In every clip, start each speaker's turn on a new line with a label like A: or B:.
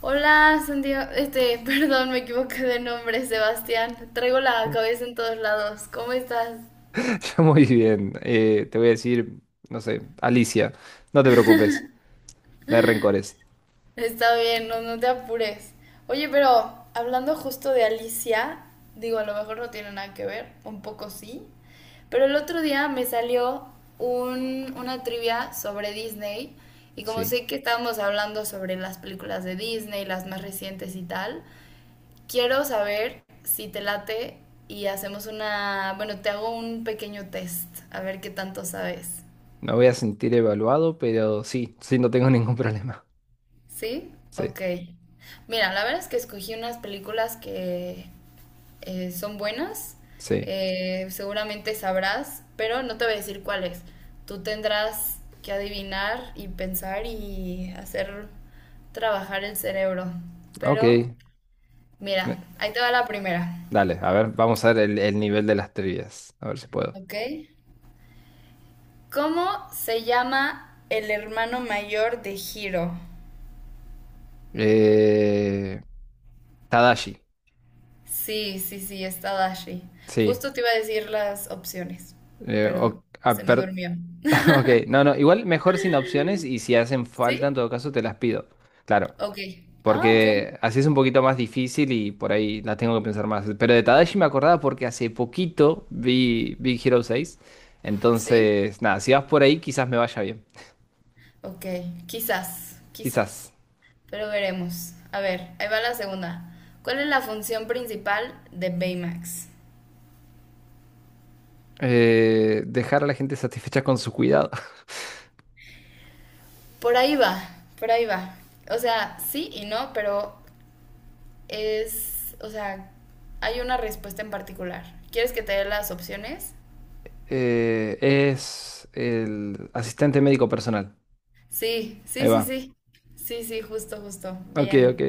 A: Hola, Santiago. Perdón, me equivoqué de nombre, Sebastián. Traigo la cabeza en todos lados. ¿Cómo estás?
B: Muy bien. Te voy a decir, no sé, Alicia, no te preocupes, no hay rencores.
A: Está bien, no, no te apures. Oye, pero hablando justo de Alicia, digo, a lo mejor no tiene nada que ver, un poco sí, pero el otro día me salió una trivia sobre Disney y como
B: Sí,
A: sé que estábamos hablando sobre las películas de Disney, las más recientes y tal, quiero saber si te late y hacemos una, bueno, te hago un pequeño test, a ver qué tanto sabes.
B: no voy a sentir evaluado, pero sí, sí, no tengo ningún problema.
A: ¿Sí?
B: Sí,
A: Ok. Mira, la verdad es que escogí unas películas que son buenas,
B: sí.
A: seguramente sabrás, pero no te voy a decir cuáles. Tú tendrás que adivinar y pensar y hacer trabajar el cerebro. Pero,
B: Ok. Me-
A: mira, ahí te va la primera,
B: Dale, a ver, vamos a ver el nivel de las trivias. A ver si puedo.
A: ¿ok? ¿Cómo se llama el hermano mayor de Hiro?
B: Eh, Tadashi,
A: Sí, sí, sí, está Dashi.
B: sí.
A: Justo te iba a decir las opciones,
B: Eh,
A: pero
B: o- ah,
A: se me
B: per-
A: durmió.
B: ok, igual mejor sin opciones y si hacen
A: ¿Sí?
B: falta, en todo caso, te las pido. Claro.
A: Ok. Ah, ok.
B: Porque así es un poquito más difícil y por ahí la tengo que pensar más. Pero de Tadashi me acordaba porque hace poquito vi Big Hero 6.
A: Sí.
B: Entonces, nada, si vas por ahí, quizás me vaya bien.
A: Ok. Quizás,
B: Quizás.
A: quizás. Pero veremos. A ver, ahí va la segunda. ¿Cuál es la función principal de Baymax?
B: Dejar a la gente satisfecha con su cuidado.
A: Por ahí va, por ahí va. O sea, sí y no, pero es, o sea, hay una respuesta en particular. ¿Quieres que te dé las opciones?
B: Es el asistente médico personal.
A: Sí,
B: Ahí
A: sí, sí,
B: va.
A: sí. Sí, sí, justo, justo.
B: Ok, ok,
A: Bien.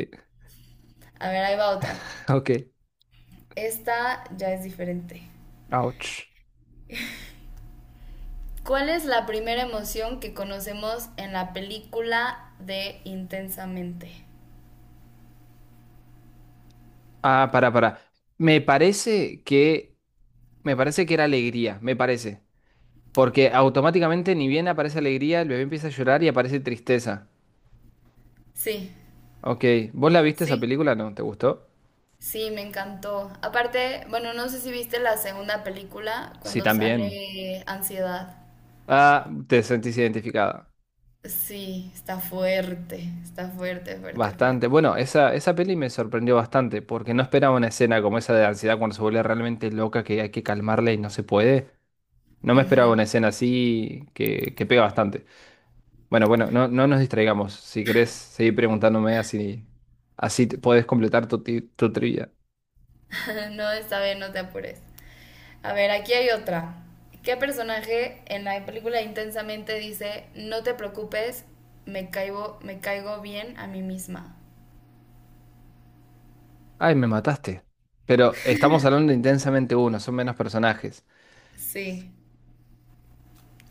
A: A ver, ahí va otra.
B: ok.
A: Esta ya es diferente.
B: Ouch.
A: ¿Cuál es la primera emoción que conocemos en la película de Intensamente?
B: Ah, para, para. Me parece que. Me parece que era alegría. Me parece. Porque automáticamente ni bien aparece alegría, el bebé empieza a llorar y aparece tristeza.
A: Sí,
B: Ok, ¿vos la viste esa
A: sí,
B: película? ¿No? ¿Te gustó?
A: sí, me encantó. Aparte, bueno, no sé si viste la segunda película
B: Sí,
A: cuando
B: también.
A: sale Ansiedad.
B: Ah, te sentís identificada.
A: Sí, está fuerte, fuerte,
B: Bastante.
A: fuerte.
B: Bueno, esa peli me sorprendió bastante porque no esperaba una escena como esa de ansiedad cuando se vuelve realmente loca que hay que calmarla y no se puede. No me esperaba
A: Ujú.
B: una escena así que pega bastante. Bueno, bueno, no, no nos distraigamos. Si querés seguir preguntándome así, podés completar tu trivia.
A: No, está bien, no te apures. A ver, aquí hay otra. ¿Qué personaje en la película Intensamente dice, no te preocupes, me caigo bien a mí misma?
B: Ay, me mataste. Pero estamos hablando de intensamente uno, son menos personajes.
A: Sí,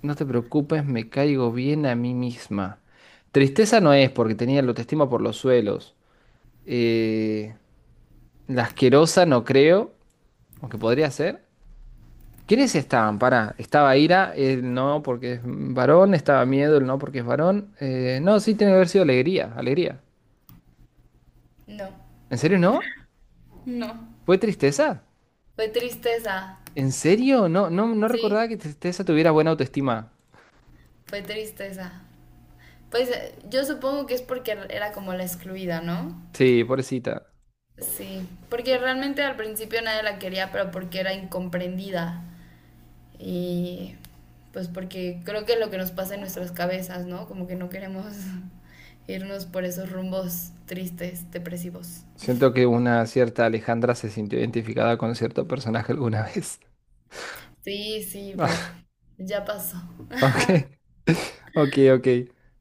B: No te preocupes, me caigo bien a mí misma. Tristeza no es porque tenía la autoestima por los suelos. Eh, la asquerosa no creo, aunque podría ser. ¿Quiénes estaban? Pará, estaba ira, el no porque es varón, estaba miedo, el no porque es varón. No, sí, tiene que haber sido alegría, alegría.
A: no.
B: ¿En serio no?
A: No.
B: ¿Fue tristeza?
A: Fue tristeza,
B: ¿En serio? No, no, no
A: sí,
B: recordaba que tristeza tuviera buena autoestima.
A: fue tristeza. Pues yo supongo que es porque era como la excluida, ¿no?
B: Sí, pobrecita.
A: Sí, porque realmente al principio nadie la quería, pero porque era incomprendida. Y pues porque creo que es lo que nos pasa en nuestras cabezas, ¿no? Como que no queremos irnos por esos rumbos tristes, depresivos.
B: Siento que una cierta Alejandra se sintió identificada con cierto personaje alguna vez.
A: Sí, sí, pero ya pasó.
B: Ok, ok, ok.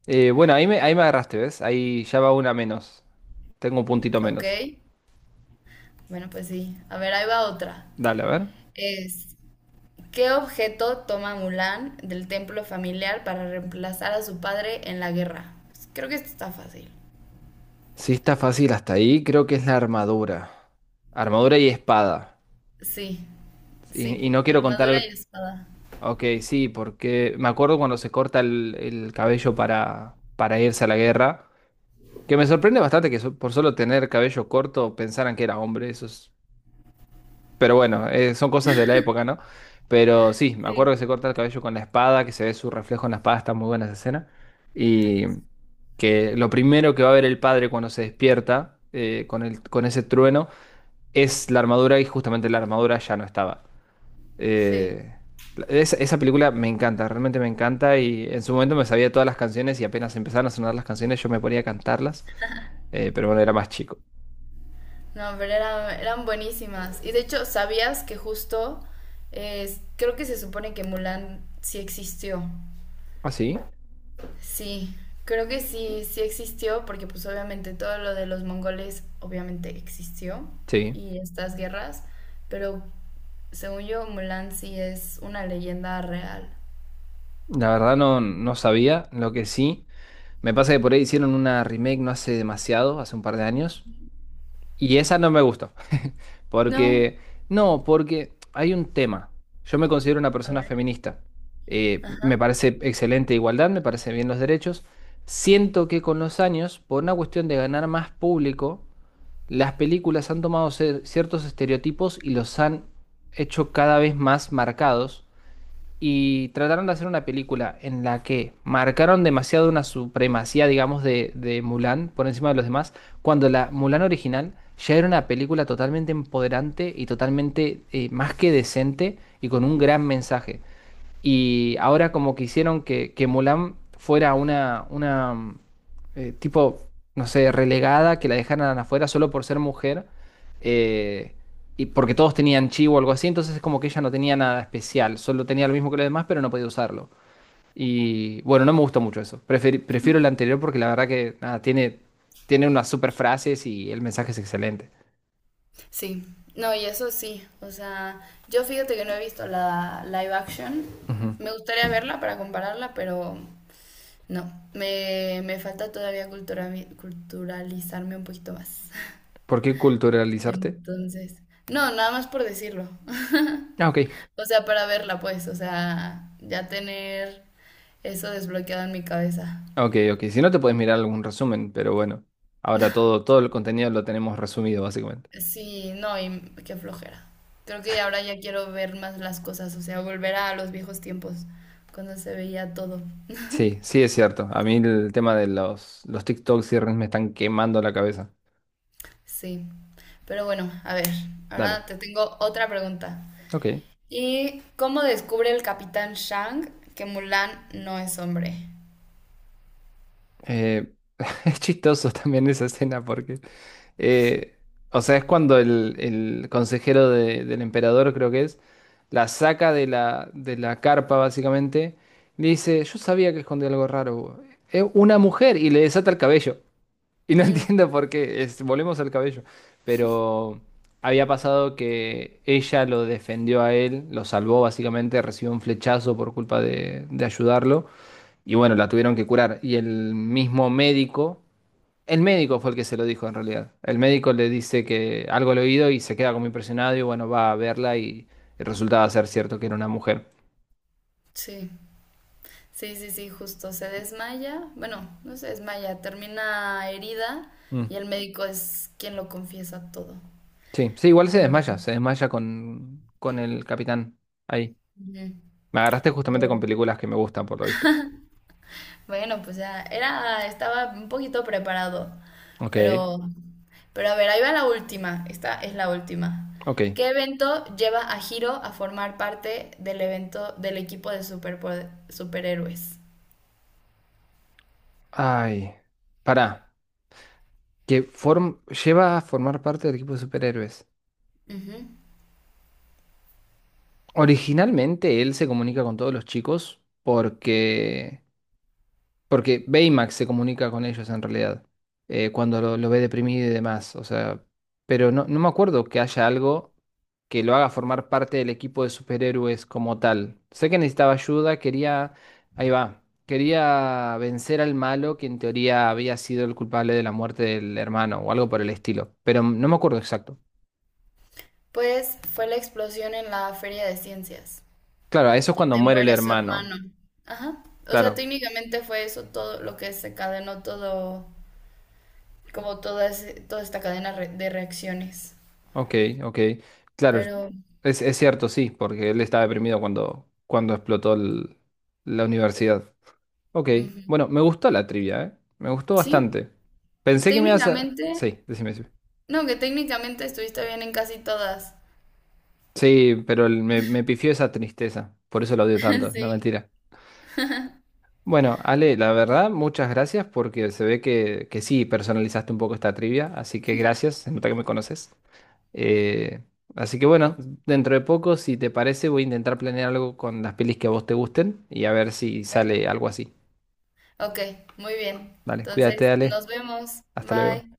B: Bueno, ahí me agarraste, ¿ves? Ahí ya va una menos. Tengo un puntito
A: ¿Ok?
B: menos.
A: Bueno, pues sí. A ver, ahí va otra.
B: Dale, a ver.
A: Es, ¿qué objeto toma Mulan del templo familiar para reemplazar a su padre en la guerra? Pues, creo que esto está fácil.
B: Si está fácil hasta ahí, creo que es la armadura. Armadura y espada.
A: Sí,
B: Y,
A: sí.
B: y no quiero contar
A: Armadura y
B: el...
A: espada.
B: Ok, sí, porque me acuerdo cuando se corta el cabello para irse a la guerra. Que me sorprende bastante que por solo tener cabello corto pensaran que era hombre. Eso es. Pero bueno, son cosas de la época, ¿no? Pero sí, me acuerdo
A: Sí,
B: que se corta el cabello con la espada, que se ve su reflejo en la espada, está muy buena esa escena. Y que lo primero que va a ver el padre cuando se despierta con el, con ese trueno es la armadura y justamente la armadura ya no estaba.
A: sí.
B: Eh, esa, esa película me encanta, realmente me encanta y en su momento me sabía todas las canciones y apenas empezaron a sonar las canciones yo me ponía a cantarlas, pero bueno, era más chico.
A: No, pero eran, eran buenísimas. Y de hecho, ¿sabías que justo creo que se supone que Mulan sí existió?
B: ¿Ah, sí?
A: Sí, creo que sí, sí existió porque pues obviamente todo lo de los mongoles obviamente existió
B: Sí.
A: y estas guerras, pero según yo Mulan sí es una leyenda real.
B: La verdad no, no sabía. Lo que sí. Me pasa que por ahí hicieron una remake no hace demasiado, hace un par de años, y esa no me gustó,
A: No,
B: porque, no, porque hay un tema. Yo me considero una
A: a
B: persona
A: ver,
B: feminista. Me
A: ajá.
B: parece excelente igualdad, me parece bien los derechos. Siento que con los años, por una cuestión de ganar más público, las películas han tomado ciertos estereotipos y los han hecho cada vez más marcados y trataron de hacer una película en la que marcaron demasiado una supremacía, digamos, de Mulan por encima de los demás, cuando la Mulan original ya era una película totalmente empoderante y totalmente más que decente y con un gran mensaje. Y ahora como que hicieron que Mulan fuera una, una tipo, no sé, relegada, que la dejaran afuera solo por ser mujer, eh, y porque todos tenían chi o algo así, entonces es como que ella no tenía nada especial, solo tenía lo mismo que los demás, pero no podía usarlo. Y bueno, no me gusta mucho eso. Prefiero el anterior porque la verdad que nada, tiene, tiene unas super frases y el mensaje es excelente.
A: Sí, no, y eso sí, o sea, yo fíjate que no he visto la live action.
B: Ujú.
A: Me gustaría verla para compararla, pero no, me falta todavía cultura, culturalizarme un poquito más.
B: ¿Por qué culturalizarte?
A: Entonces, no, nada más por decirlo.
B: Ah, ok.
A: O sea, para verla, pues, o sea, ya tener eso desbloqueado en mi cabeza.
B: Ok, ok. Si no, te puedes mirar algún resumen, pero bueno. Ahora todo, todo el contenido lo tenemos resumido, básicamente.
A: Sí, no, y qué flojera. Creo que ahora ya quiero ver más las cosas, o sea, volver a los viejos tiempos, cuando se veía todo.
B: Sí, sí es cierto. A mí el tema de los TikToks y Reels me están quemando la cabeza.
A: Sí, pero bueno, a ver, ahora
B: Dale.
A: te tengo otra pregunta.
B: Ok.
A: ¿Y cómo descubre el capitán Shang que Mulan no es hombre?
B: Eh, es chistoso también esa escena porque... eh, o sea, es cuando el consejero del emperador, creo que es, la saca de la carpa, básicamente. Y le dice, yo sabía que escondía algo raro. Es una mujer y le desata el cabello. Y no
A: Mm,
B: entiendo por qué, volvemos al cabello, pero había pasado que ella lo defendió a él, lo salvó básicamente, recibió un flechazo por culpa de ayudarlo y bueno, la tuvieron que curar. Y el mismo médico, el médico fue el que se lo dijo en realidad, el médico le dice que algo al oído y se queda como impresionado y bueno, va a verla y resultaba ser cierto que era una mujer.
A: sí, sí, sí, sí, justo. Se desmaya. Bueno, no se desmaya, termina herida
B: Mm,
A: y el médico es quien lo confiesa todo.
B: sí, sí, igual
A: Pero,
B: se desmaya con el capitán ahí.
A: ujú,
B: Me agarraste justamente con
A: pero
B: películas que me gustan, por lo visto.
A: bueno, pues ya era, estaba un poquito preparado,
B: Ok,
A: pero, pero a ver, ahí va la última. Esta es la última.
B: ok.
A: ¿Qué evento lleva a Hiro a formar parte del evento del equipo de superhéroes?
B: Ay, pará. Que form lleva a formar parte del equipo de superhéroes.
A: Ujú.
B: Originalmente él se comunica con todos los chicos porque. Porque Baymax se comunica con ellos en realidad, cuando lo ve deprimido y demás, o sea, pero no, no me acuerdo que haya algo que lo haga formar parte del equipo de superhéroes como tal. Sé que necesitaba ayuda, quería, ahí va, quería vencer al malo que en teoría había sido el culpable de la muerte del hermano o algo por el estilo, pero no me acuerdo exacto.
A: Pues fue la explosión en la Feria de Ciencias,
B: Claro, eso es cuando
A: donde
B: muere el
A: muere su
B: hermano,
A: hermano. Ajá. O sea,
B: claro.
A: técnicamente fue eso todo lo que se cadenó todo, como toda, toda esta cadena de reacciones.
B: Ok, ok. Claro, es,
A: Pero,
B: es cierto, sí, porque él estaba deprimido cuando, cuando explotó la universidad. Ok,
A: ujú.
B: bueno, me gustó la trivia, ¿eh? Me gustó
A: Sí.
B: bastante. Pensé que me ibas a...
A: Técnicamente,
B: Sí, decime, decime.
A: no, que técnicamente estuviste bien en casi todas.
B: Sí, pero me pifió esa tristeza, por eso lo odio tanto, no
A: Sí.
B: mentira. Bueno, Ale, la verdad, muchas gracias porque se ve que sí personalizaste un poco esta trivia, así que gracias, se nota que me conoces. Eh, así que bueno, dentro de poco, si te parece, voy a intentar planear algo con las pelis que a vos te gusten y a ver si
A: Ok,
B: sale algo así.
A: ok, muy bien.
B: Vale, cuídate,
A: Entonces,
B: dale.
A: nos vemos.
B: Hasta luego.
A: Bye.